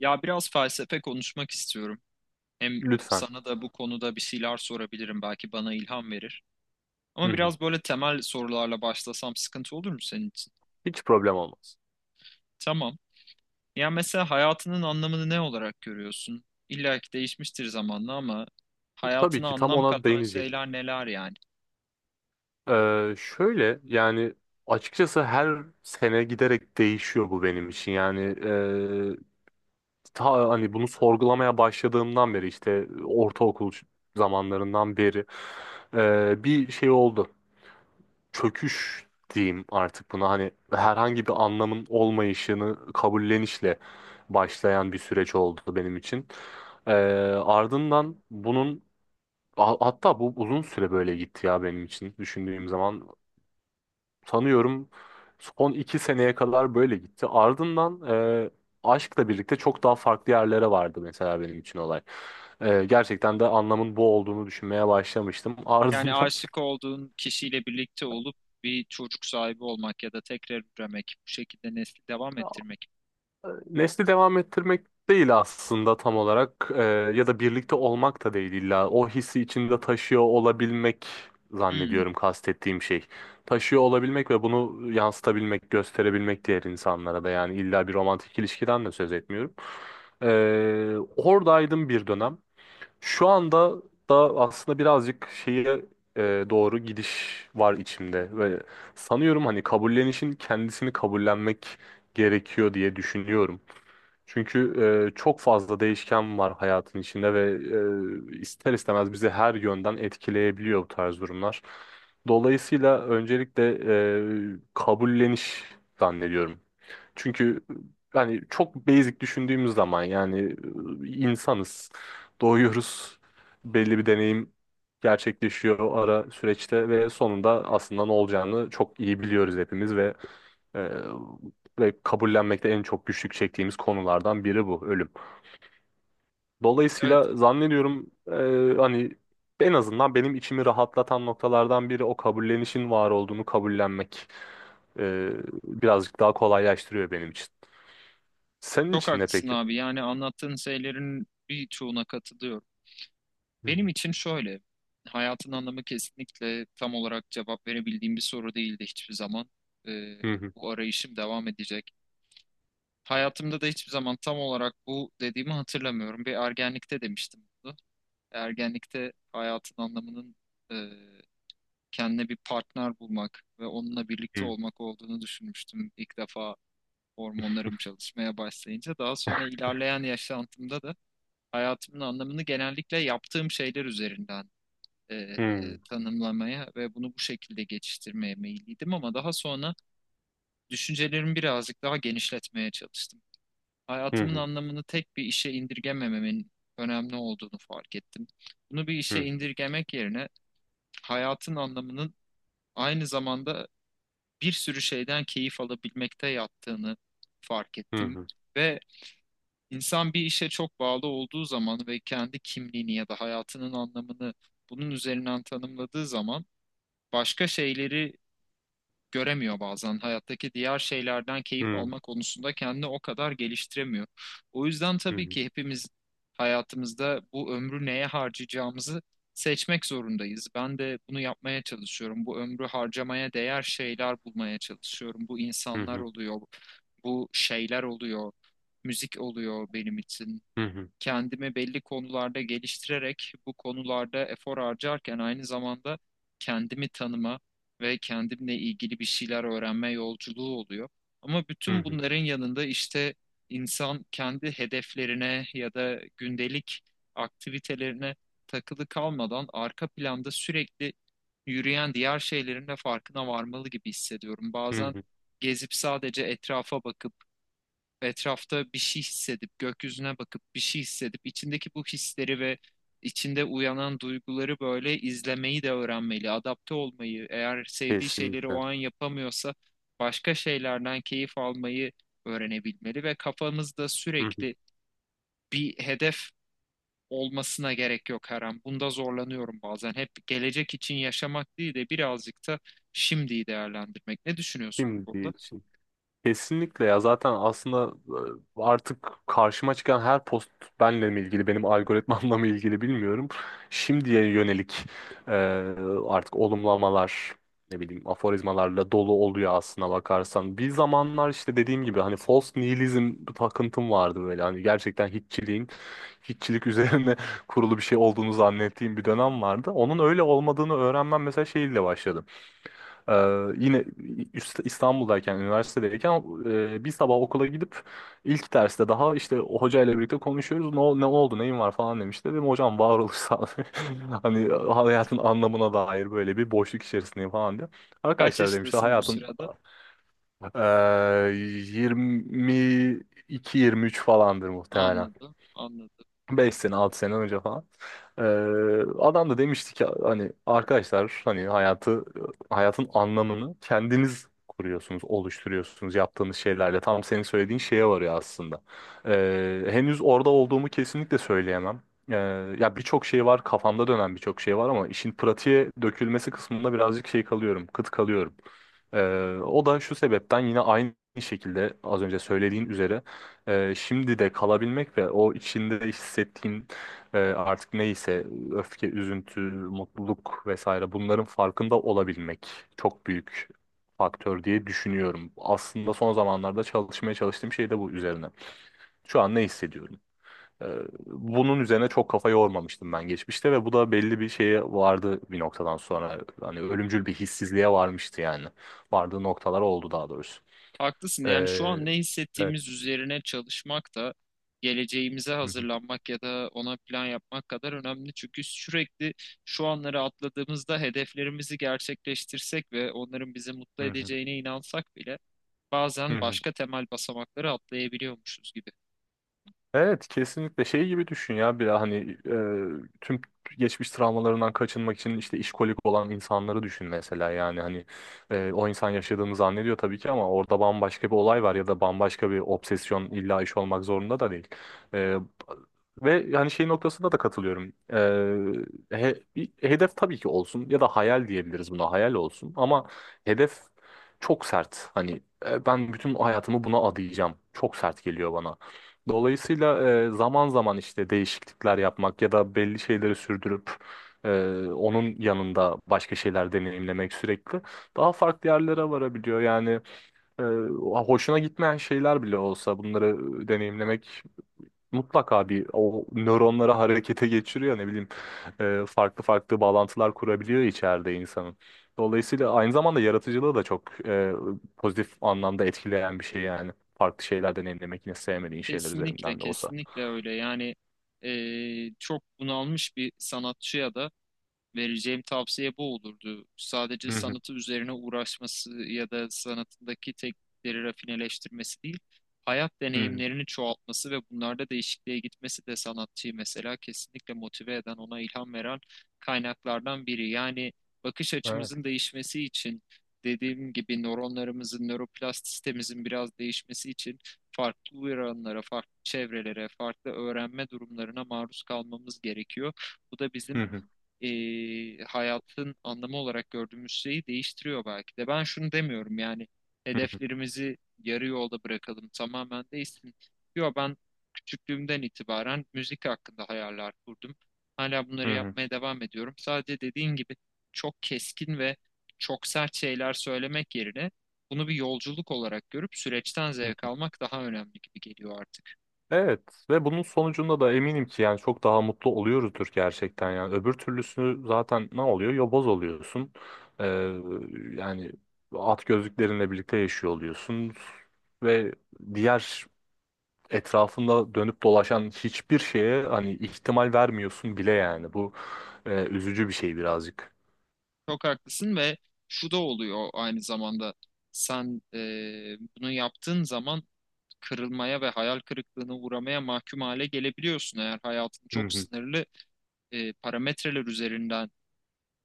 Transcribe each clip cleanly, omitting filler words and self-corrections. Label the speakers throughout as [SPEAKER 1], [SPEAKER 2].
[SPEAKER 1] Ya biraz felsefe konuşmak istiyorum. Hem
[SPEAKER 2] Lütfen.
[SPEAKER 1] sana da bu konuda bir şeyler sorabilirim. Belki bana ilham verir.
[SPEAKER 2] Hı
[SPEAKER 1] Ama
[SPEAKER 2] hı.
[SPEAKER 1] biraz böyle temel sorularla başlasam sıkıntı olur mu senin için?
[SPEAKER 2] Hiç problem olmaz.
[SPEAKER 1] Tamam. Ya mesela hayatının anlamını ne olarak görüyorsun? İlla ki değişmiştir zamanla ama
[SPEAKER 2] Tabii
[SPEAKER 1] hayatına
[SPEAKER 2] ki tam
[SPEAKER 1] anlam
[SPEAKER 2] ona
[SPEAKER 1] katan
[SPEAKER 2] değinecek.
[SPEAKER 1] şeyler neler yani?
[SPEAKER 2] Şöyle yani açıkçası her sene giderek değişiyor bu benim için. Yani ta hani bunu sorgulamaya başladığımdan beri, işte ortaokul zamanlarından beri bir şey oldu. Çöküş diyeyim artık buna, hani herhangi bir anlamın olmayışını kabullenişle başlayan bir süreç oldu benim için. Ardından bunun hatta bu uzun süre böyle gitti ya, benim için düşündüğüm zaman. Sanıyorum son iki seneye kadar böyle gitti. Ardından e, aşkla birlikte çok daha farklı yerlere vardı mesela benim için olay. Gerçekten de anlamın bu olduğunu düşünmeye başlamıştım.
[SPEAKER 1] Yani
[SPEAKER 2] Ardından
[SPEAKER 1] aşık olduğun kişiyle birlikte olup bir çocuk sahibi olmak ya da tekrar üremek, bu şekilde nesli devam ettirmek.
[SPEAKER 2] nesli devam ettirmek değil aslında tam olarak. Ya da birlikte olmak da değil, illa o hissi içinde taşıyor olabilmek
[SPEAKER 1] Hmm,
[SPEAKER 2] zannediyorum kastettiğim şey. Taşıyor olabilmek ve bunu yansıtabilmek, gösterebilmek diğer insanlara da. Yani illa bir romantik ilişkiden de söz etmiyorum. Oradaydım bir dönem. Şu anda da aslında birazcık şeye doğru gidiş var içimde ve sanıyorum hani kabullenişin kendisini kabullenmek gerekiyor diye düşünüyorum. Çünkü çok fazla değişken var hayatın içinde ve ister istemez bizi her yönden etkileyebiliyor bu tarz durumlar. Dolayısıyla öncelikle kabulleniş zannediyorum. Çünkü yani çok basic düşündüğümüz zaman yani insanız, doğuyoruz, belli bir deneyim gerçekleşiyor o ara süreçte ve sonunda aslında ne olacağını çok iyi biliyoruz hepimiz ve e, kabullenmekte en çok güçlük çektiğimiz konulardan biri bu ölüm.
[SPEAKER 1] evet,
[SPEAKER 2] Dolayısıyla zannediyorum, hani en azından benim içimi rahatlatan noktalardan biri o kabullenişin var olduğunu kabullenmek. E, Birazcık daha kolaylaştırıyor benim için. Senin
[SPEAKER 1] çok
[SPEAKER 2] için ne
[SPEAKER 1] haklısın
[SPEAKER 2] peki?
[SPEAKER 1] abi. Yani anlattığın şeylerin birçoğuna katılıyorum.
[SPEAKER 2] Hı
[SPEAKER 1] Benim
[SPEAKER 2] hı,
[SPEAKER 1] için şöyle, hayatın anlamı kesinlikle tam olarak cevap verebildiğim bir soru değildi hiçbir zaman. Ee,
[SPEAKER 2] hı hı,
[SPEAKER 1] Bu arayışım devam edecek. Hayatımda da hiçbir zaman tam olarak bu dediğimi hatırlamıyorum. Bir ergenlikte demiştim bunu. Ergenlikte hayatın anlamının e, kendine bir partner bulmak ve onunla birlikte
[SPEAKER 2] hı
[SPEAKER 1] olmak olduğunu düşünmüştüm ilk defa hormonlarım çalışmaya başlayınca. Daha sonra ilerleyen yaşantımda da hayatımın anlamını genellikle yaptığım şeyler üzerinden
[SPEAKER 2] hı,
[SPEAKER 1] tanımlamaya ve bunu bu şekilde geçiştirmeye meyilliydim ama daha sonra düşüncelerimi birazcık daha genişletmeye çalıştım.
[SPEAKER 2] hı
[SPEAKER 1] Hayatımın
[SPEAKER 2] hı,
[SPEAKER 1] anlamını tek bir işe indirgemememin önemli olduğunu fark ettim. Bunu bir işe
[SPEAKER 2] hı
[SPEAKER 1] indirgemek yerine hayatın anlamının aynı zamanda bir sürü şeyden keyif alabilmekte yattığını fark ettim.
[SPEAKER 2] hı,
[SPEAKER 1] Ve insan bir işe çok bağlı olduğu zaman ve kendi kimliğini ya da hayatının anlamını bunun üzerinden tanımladığı zaman başka şeyleri göremiyor bazen. Hayattaki diğer şeylerden
[SPEAKER 2] hı
[SPEAKER 1] keyif
[SPEAKER 2] hı,
[SPEAKER 1] alma konusunda kendini o kadar geliştiremiyor. O yüzden
[SPEAKER 2] hı
[SPEAKER 1] tabii
[SPEAKER 2] hı,
[SPEAKER 1] ki hepimiz hayatımızda bu ömrü neye harcayacağımızı seçmek zorundayız. Ben de bunu yapmaya çalışıyorum. Bu ömrü harcamaya değer şeyler bulmaya çalışıyorum. Bu
[SPEAKER 2] hı
[SPEAKER 1] insanlar
[SPEAKER 2] hı,
[SPEAKER 1] oluyor, bu şeyler oluyor, müzik oluyor benim için
[SPEAKER 2] hı hı,
[SPEAKER 1] kendimi belli konularda geliştirerek bu konularda efor harcarken aynı zamanda kendimi tanıma ve kendimle ilgili bir şeyler öğrenme yolculuğu oluyor. Ama
[SPEAKER 2] hı
[SPEAKER 1] bütün
[SPEAKER 2] hı.
[SPEAKER 1] bunların yanında işte insan kendi hedeflerine ya da gündelik aktivitelerine takılı kalmadan arka planda sürekli yürüyen diğer şeylerin de farkına varmalı gibi hissediyorum. Bazen gezip sadece etrafa bakıp etrafta bir şey hissedip, gökyüzüne bakıp bir şey hissedip, içindeki bu hisleri ve içinde uyanan duyguları böyle izlemeyi de öğrenmeli, adapte olmayı, eğer sevdiği şeyleri o
[SPEAKER 2] Kesinlikle.
[SPEAKER 1] an yapamıyorsa başka şeylerden keyif almayı öğrenebilmeli ve kafamızda
[SPEAKER 2] Hı hı.
[SPEAKER 1] sürekli bir hedef olmasına gerek yok her an. Bunda zorlanıyorum bazen. Hep gelecek için yaşamak değil de birazcık da şimdiyi değerlendirmek. Ne düşünüyorsun bu
[SPEAKER 2] Şimdi
[SPEAKER 1] konuda?
[SPEAKER 2] için. Kesinlikle ya. Zaten aslında artık karşıma çıkan her post benle mi ilgili, benim algoritmamla mı ilgili bilmiyorum. Şimdiye yönelik e, artık olumlamalar, ne bileyim, aforizmalarla dolu oluyor aslına bakarsan. Bir zamanlar işte dediğim gibi hani false nihilizm takıntım vardı böyle, hani gerçekten hiççilik üzerine kurulu bir şey olduğunu zannettiğim bir dönem vardı. Onun öyle olmadığını öğrenmem mesela şeyle başladı. Ee, Yine İstanbul'dayken, üniversitedeyken, bir sabah okula gidip ilk derste daha, işte o hocayla birlikte konuşuyoruz. Ne, ne oldu, neyin var falan demişti. Dedim hocam varoluş sağlığı. Hani hayatın anlamına dair böyle bir boşluk içerisindeyim falan diye.
[SPEAKER 1] Kaç
[SPEAKER 2] Arkadaşlar demişti
[SPEAKER 1] yaşındasın bu
[SPEAKER 2] hayatın
[SPEAKER 1] sırada?
[SPEAKER 2] 22-23 falandır muhtemelen.
[SPEAKER 1] Anladım, anladım.
[SPEAKER 2] 5 sene 6 sene önce falan. Ee, Adam da demişti ki hani arkadaşlar, hani hayatın anlamını kendiniz kuruyorsunuz, oluşturuyorsunuz yaptığınız şeylerle. Tam senin söylediğin şeye varıyor aslında. Henüz orada olduğumu kesinlikle söyleyemem. Ee, Ya, birçok şey var kafamda dönen birçok şey var ama işin pratiğe dökülmesi kısmında birazcık şey kalıyorum, kıt kalıyorum. O da şu sebepten, yine aynı şekilde az önce söylediğin üzere şimdi de kalabilmek ve o içinde hissettiğin, artık neyse, öfke, üzüntü, mutluluk vesaire, bunların farkında olabilmek çok büyük faktör diye düşünüyorum. Aslında son zamanlarda çalışmaya çalıştığım şey de bu üzerine. Şu an ne hissediyorum? E, Bunun üzerine çok kafa yormamıştım ben geçmişte ve bu da belli bir şeye vardı bir noktadan sonra. Hani ölümcül bir hissizliğe varmıştı yani. Vardığı noktalar oldu daha doğrusu.
[SPEAKER 1] Haklısın.
[SPEAKER 2] E,
[SPEAKER 1] Yani şu an ne
[SPEAKER 2] evet.
[SPEAKER 1] hissettiğimiz üzerine çalışmak da geleceğimize
[SPEAKER 2] Hı hı.
[SPEAKER 1] hazırlanmak ya da ona plan yapmak kadar önemli. Çünkü sürekli şu anları atladığımızda hedeflerimizi gerçekleştirsek ve onların bizi mutlu
[SPEAKER 2] Hı hı.
[SPEAKER 1] edeceğine inansak bile
[SPEAKER 2] Hı
[SPEAKER 1] bazen
[SPEAKER 2] hı.
[SPEAKER 1] başka temel basamakları atlayabiliyormuşuz gibi.
[SPEAKER 2] Evet, kesinlikle. Şey gibi düşün ya, bir hani tüm geçmiş travmalarından kaçınmak için işte işkolik olan insanları düşün mesela. Yani hani o insan yaşadığını zannediyor tabii ki ama orada bambaşka bir olay var ya da bambaşka bir obsesyon, illa iş olmak zorunda da değil. E, Ve yani şey noktasında da katılıyorum. Bir hedef tabii ki olsun ya da hayal diyebiliriz buna, hayal olsun ama hedef çok sert. Hani ben bütün hayatımı buna adayacağım çok sert geliyor bana. Dolayısıyla zaman zaman işte değişiklikler yapmak ya da belli şeyleri sürdürüp e, onun yanında başka şeyler deneyimlemek sürekli daha farklı yerlere varabiliyor. Yani e, hoşuna gitmeyen şeyler bile olsa bunları deneyimlemek mutlaka bir o nöronları harekete geçiriyor, ne bileyim, farklı farklı bağlantılar kurabiliyor içeride insanın. Dolayısıyla aynı zamanda yaratıcılığı da çok pozitif anlamda etkileyen bir şey yani. Farklı şeyler deneyimlemek, yine sevmediğin şeyler
[SPEAKER 1] Kesinlikle,
[SPEAKER 2] üzerinden de olsa.
[SPEAKER 1] kesinlikle öyle. Yani çok bunalmış bir sanatçıya da vereceğim tavsiye bu olurdu. Sadece
[SPEAKER 2] Hı hı,
[SPEAKER 1] sanatı üzerine uğraşması ya da sanatındaki teknikleri rafineleştirmesi değil, hayat
[SPEAKER 2] hı hı.
[SPEAKER 1] deneyimlerini çoğaltması ve bunlarda değişikliğe gitmesi de sanatçıyı mesela kesinlikle motive eden, ona ilham veren kaynaklardan biri. Yani bakış
[SPEAKER 2] Evet.
[SPEAKER 1] açımızın değişmesi için, dediğim gibi nöronlarımızın, nöroplastistemizin biraz değişmesi için farklı uyaranlara, farklı çevrelere, farklı öğrenme durumlarına maruz kalmamız gerekiyor. Bu da bizim
[SPEAKER 2] Hı hı,
[SPEAKER 1] hayatın anlamı olarak gördüğümüz şeyi değiştiriyor belki de. Ben şunu demiyorum yani
[SPEAKER 2] hı hı,
[SPEAKER 1] hedeflerimizi yarı yolda bırakalım tamamen değişsin. Yok ben küçüklüğümden itibaren müzik hakkında hayaller kurdum. Hala
[SPEAKER 2] hı
[SPEAKER 1] bunları
[SPEAKER 2] hı, hı.
[SPEAKER 1] yapmaya devam ediyorum. Sadece dediğin gibi çok keskin ve çok sert şeyler söylemek yerine bunu bir yolculuk olarak görüp süreçten zevk almak daha önemli gibi geliyor artık.
[SPEAKER 2] Evet ve bunun sonucunda da eminim ki yani çok daha mutlu oluyoruzdur gerçekten. Yani öbür türlüsü zaten ne oluyor? Yoboz oluyorsun. Ee, Yani at gözlüklerinle birlikte yaşıyor oluyorsun ve diğer, etrafında dönüp dolaşan hiçbir şeye hani ihtimal vermiyorsun bile. Yani bu üzücü bir şey birazcık.
[SPEAKER 1] Çok haklısın ve şu da oluyor aynı zamanda. Sen bunu yaptığın zaman kırılmaya ve hayal kırıklığına uğramaya mahkum hale gelebiliyorsun. Eğer hayatın
[SPEAKER 2] Hı
[SPEAKER 1] çok
[SPEAKER 2] hı,
[SPEAKER 1] sınırlı parametreler üzerinden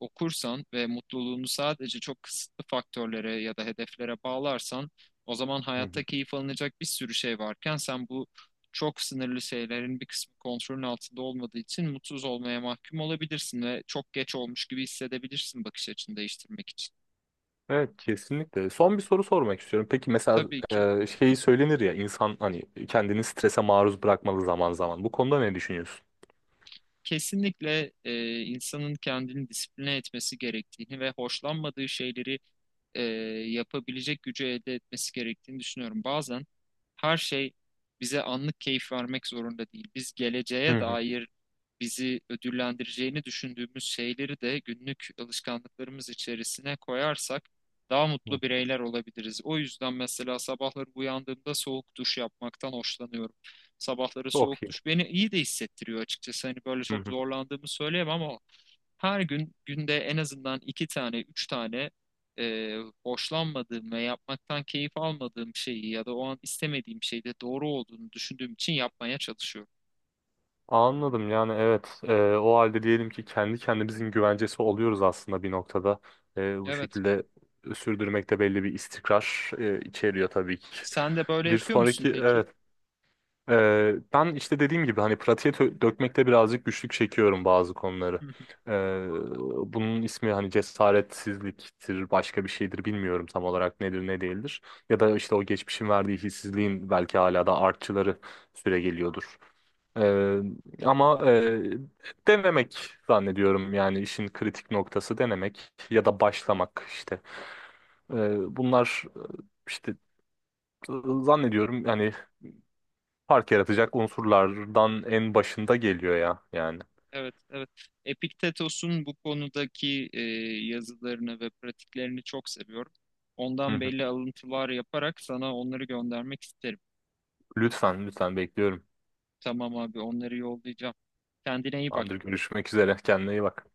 [SPEAKER 1] okursan ve mutluluğunu sadece çok kısıtlı faktörlere ya da hedeflere bağlarsan o zaman
[SPEAKER 2] hı hı.
[SPEAKER 1] hayatta keyif alınacak bir sürü şey varken sen bu çok sınırlı şeylerin bir kısmı kontrolün altında olmadığı için mutsuz olmaya mahkum olabilirsin ve çok geç olmuş gibi hissedebilirsin bakış açını değiştirmek için.
[SPEAKER 2] Evet, kesinlikle. Son bir soru sormak istiyorum. Peki mesela
[SPEAKER 1] Tabii ki.
[SPEAKER 2] şeyi söylenir ya insan, hani kendini strese maruz bırakmalı zaman zaman. Bu konuda ne düşünüyorsun?
[SPEAKER 1] Kesinlikle insanın kendini disipline etmesi gerektiğini ve hoşlanmadığı şeyleri e, yapabilecek gücü elde etmesi gerektiğini düşünüyorum. Bazen her şey bize anlık keyif vermek zorunda değil. Biz geleceğe
[SPEAKER 2] Hı hı.
[SPEAKER 1] dair bizi ödüllendireceğini düşündüğümüz şeyleri de günlük alışkanlıklarımız içerisine koyarsak daha mutlu
[SPEAKER 2] Hı.
[SPEAKER 1] bireyler olabiliriz. O yüzden mesela sabahları uyandığımda soğuk duş yapmaktan hoşlanıyorum. Sabahları
[SPEAKER 2] Çok
[SPEAKER 1] soğuk
[SPEAKER 2] iyi.
[SPEAKER 1] duş beni iyi de hissettiriyor açıkçası. Hani böyle
[SPEAKER 2] Hı
[SPEAKER 1] çok
[SPEAKER 2] hı.
[SPEAKER 1] zorlandığımı söyleyemem ama her gün günde en azından 2 tane, 3 tane e, hoşlanmadığım ve yapmaktan keyif almadığım şeyi ya da o an istemediğim şeyde doğru olduğunu düşündüğüm için yapmaya çalışıyorum.
[SPEAKER 2] Anladım. Yani evet, o halde diyelim ki kendi kendimizin güvencesi oluyoruz aslında bir noktada. Bu
[SPEAKER 1] Evet.
[SPEAKER 2] şekilde sürdürmekte belli bir istikrar içeriyor tabii ki.
[SPEAKER 1] Sen de böyle
[SPEAKER 2] Bir
[SPEAKER 1] yapıyor musun
[SPEAKER 2] sonraki
[SPEAKER 1] peki?
[SPEAKER 2] evet. Ben işte dediğim gibi hani pratiğe dökmekte birazcık güçlük çekiyorum bazı konuları.
[SPEAKER 1] Hı hı.
[SPEAKER 2] Ee, Bunun ismi hani cesaretsizliktir, başka bir şeydir, bilmiyorum tam olarak nedir ne değildir. Ya da işte o geçmişin verdiği hissizliğin belki hala da artçıları süre geliyordur. Ee, ama denemek zannediyorum. Yani işin kritik noktası denemek ya da başlamak işte. Bunlar işte zannediyorum yani fark yaratacak unsurlardan en başında geliyor ya yani.
[SPEAKER 1] Evet, evet. Epiktetos'un bu konudaki yazılarını ve pratiklerini çok seviyorum.
[SPEAKER 2] Hı
[SPEAKER 1] Ondan
[SPEAKER 2] hı.
[SPEAKER 1] belli alıntılar yaparak sana onları göndermek isterim.
[SPEAKER 2] Lütfen, lütfen, bekliyorum.
[SPEAKER 1] Tamam abi, onları yollayacağım. Kendine iyi
[SPEAKER 2] Tamamdır,
[SPEAKER 1] bak.
[SPEAKER 2] görüşmek üzere. Kendine iyi bak.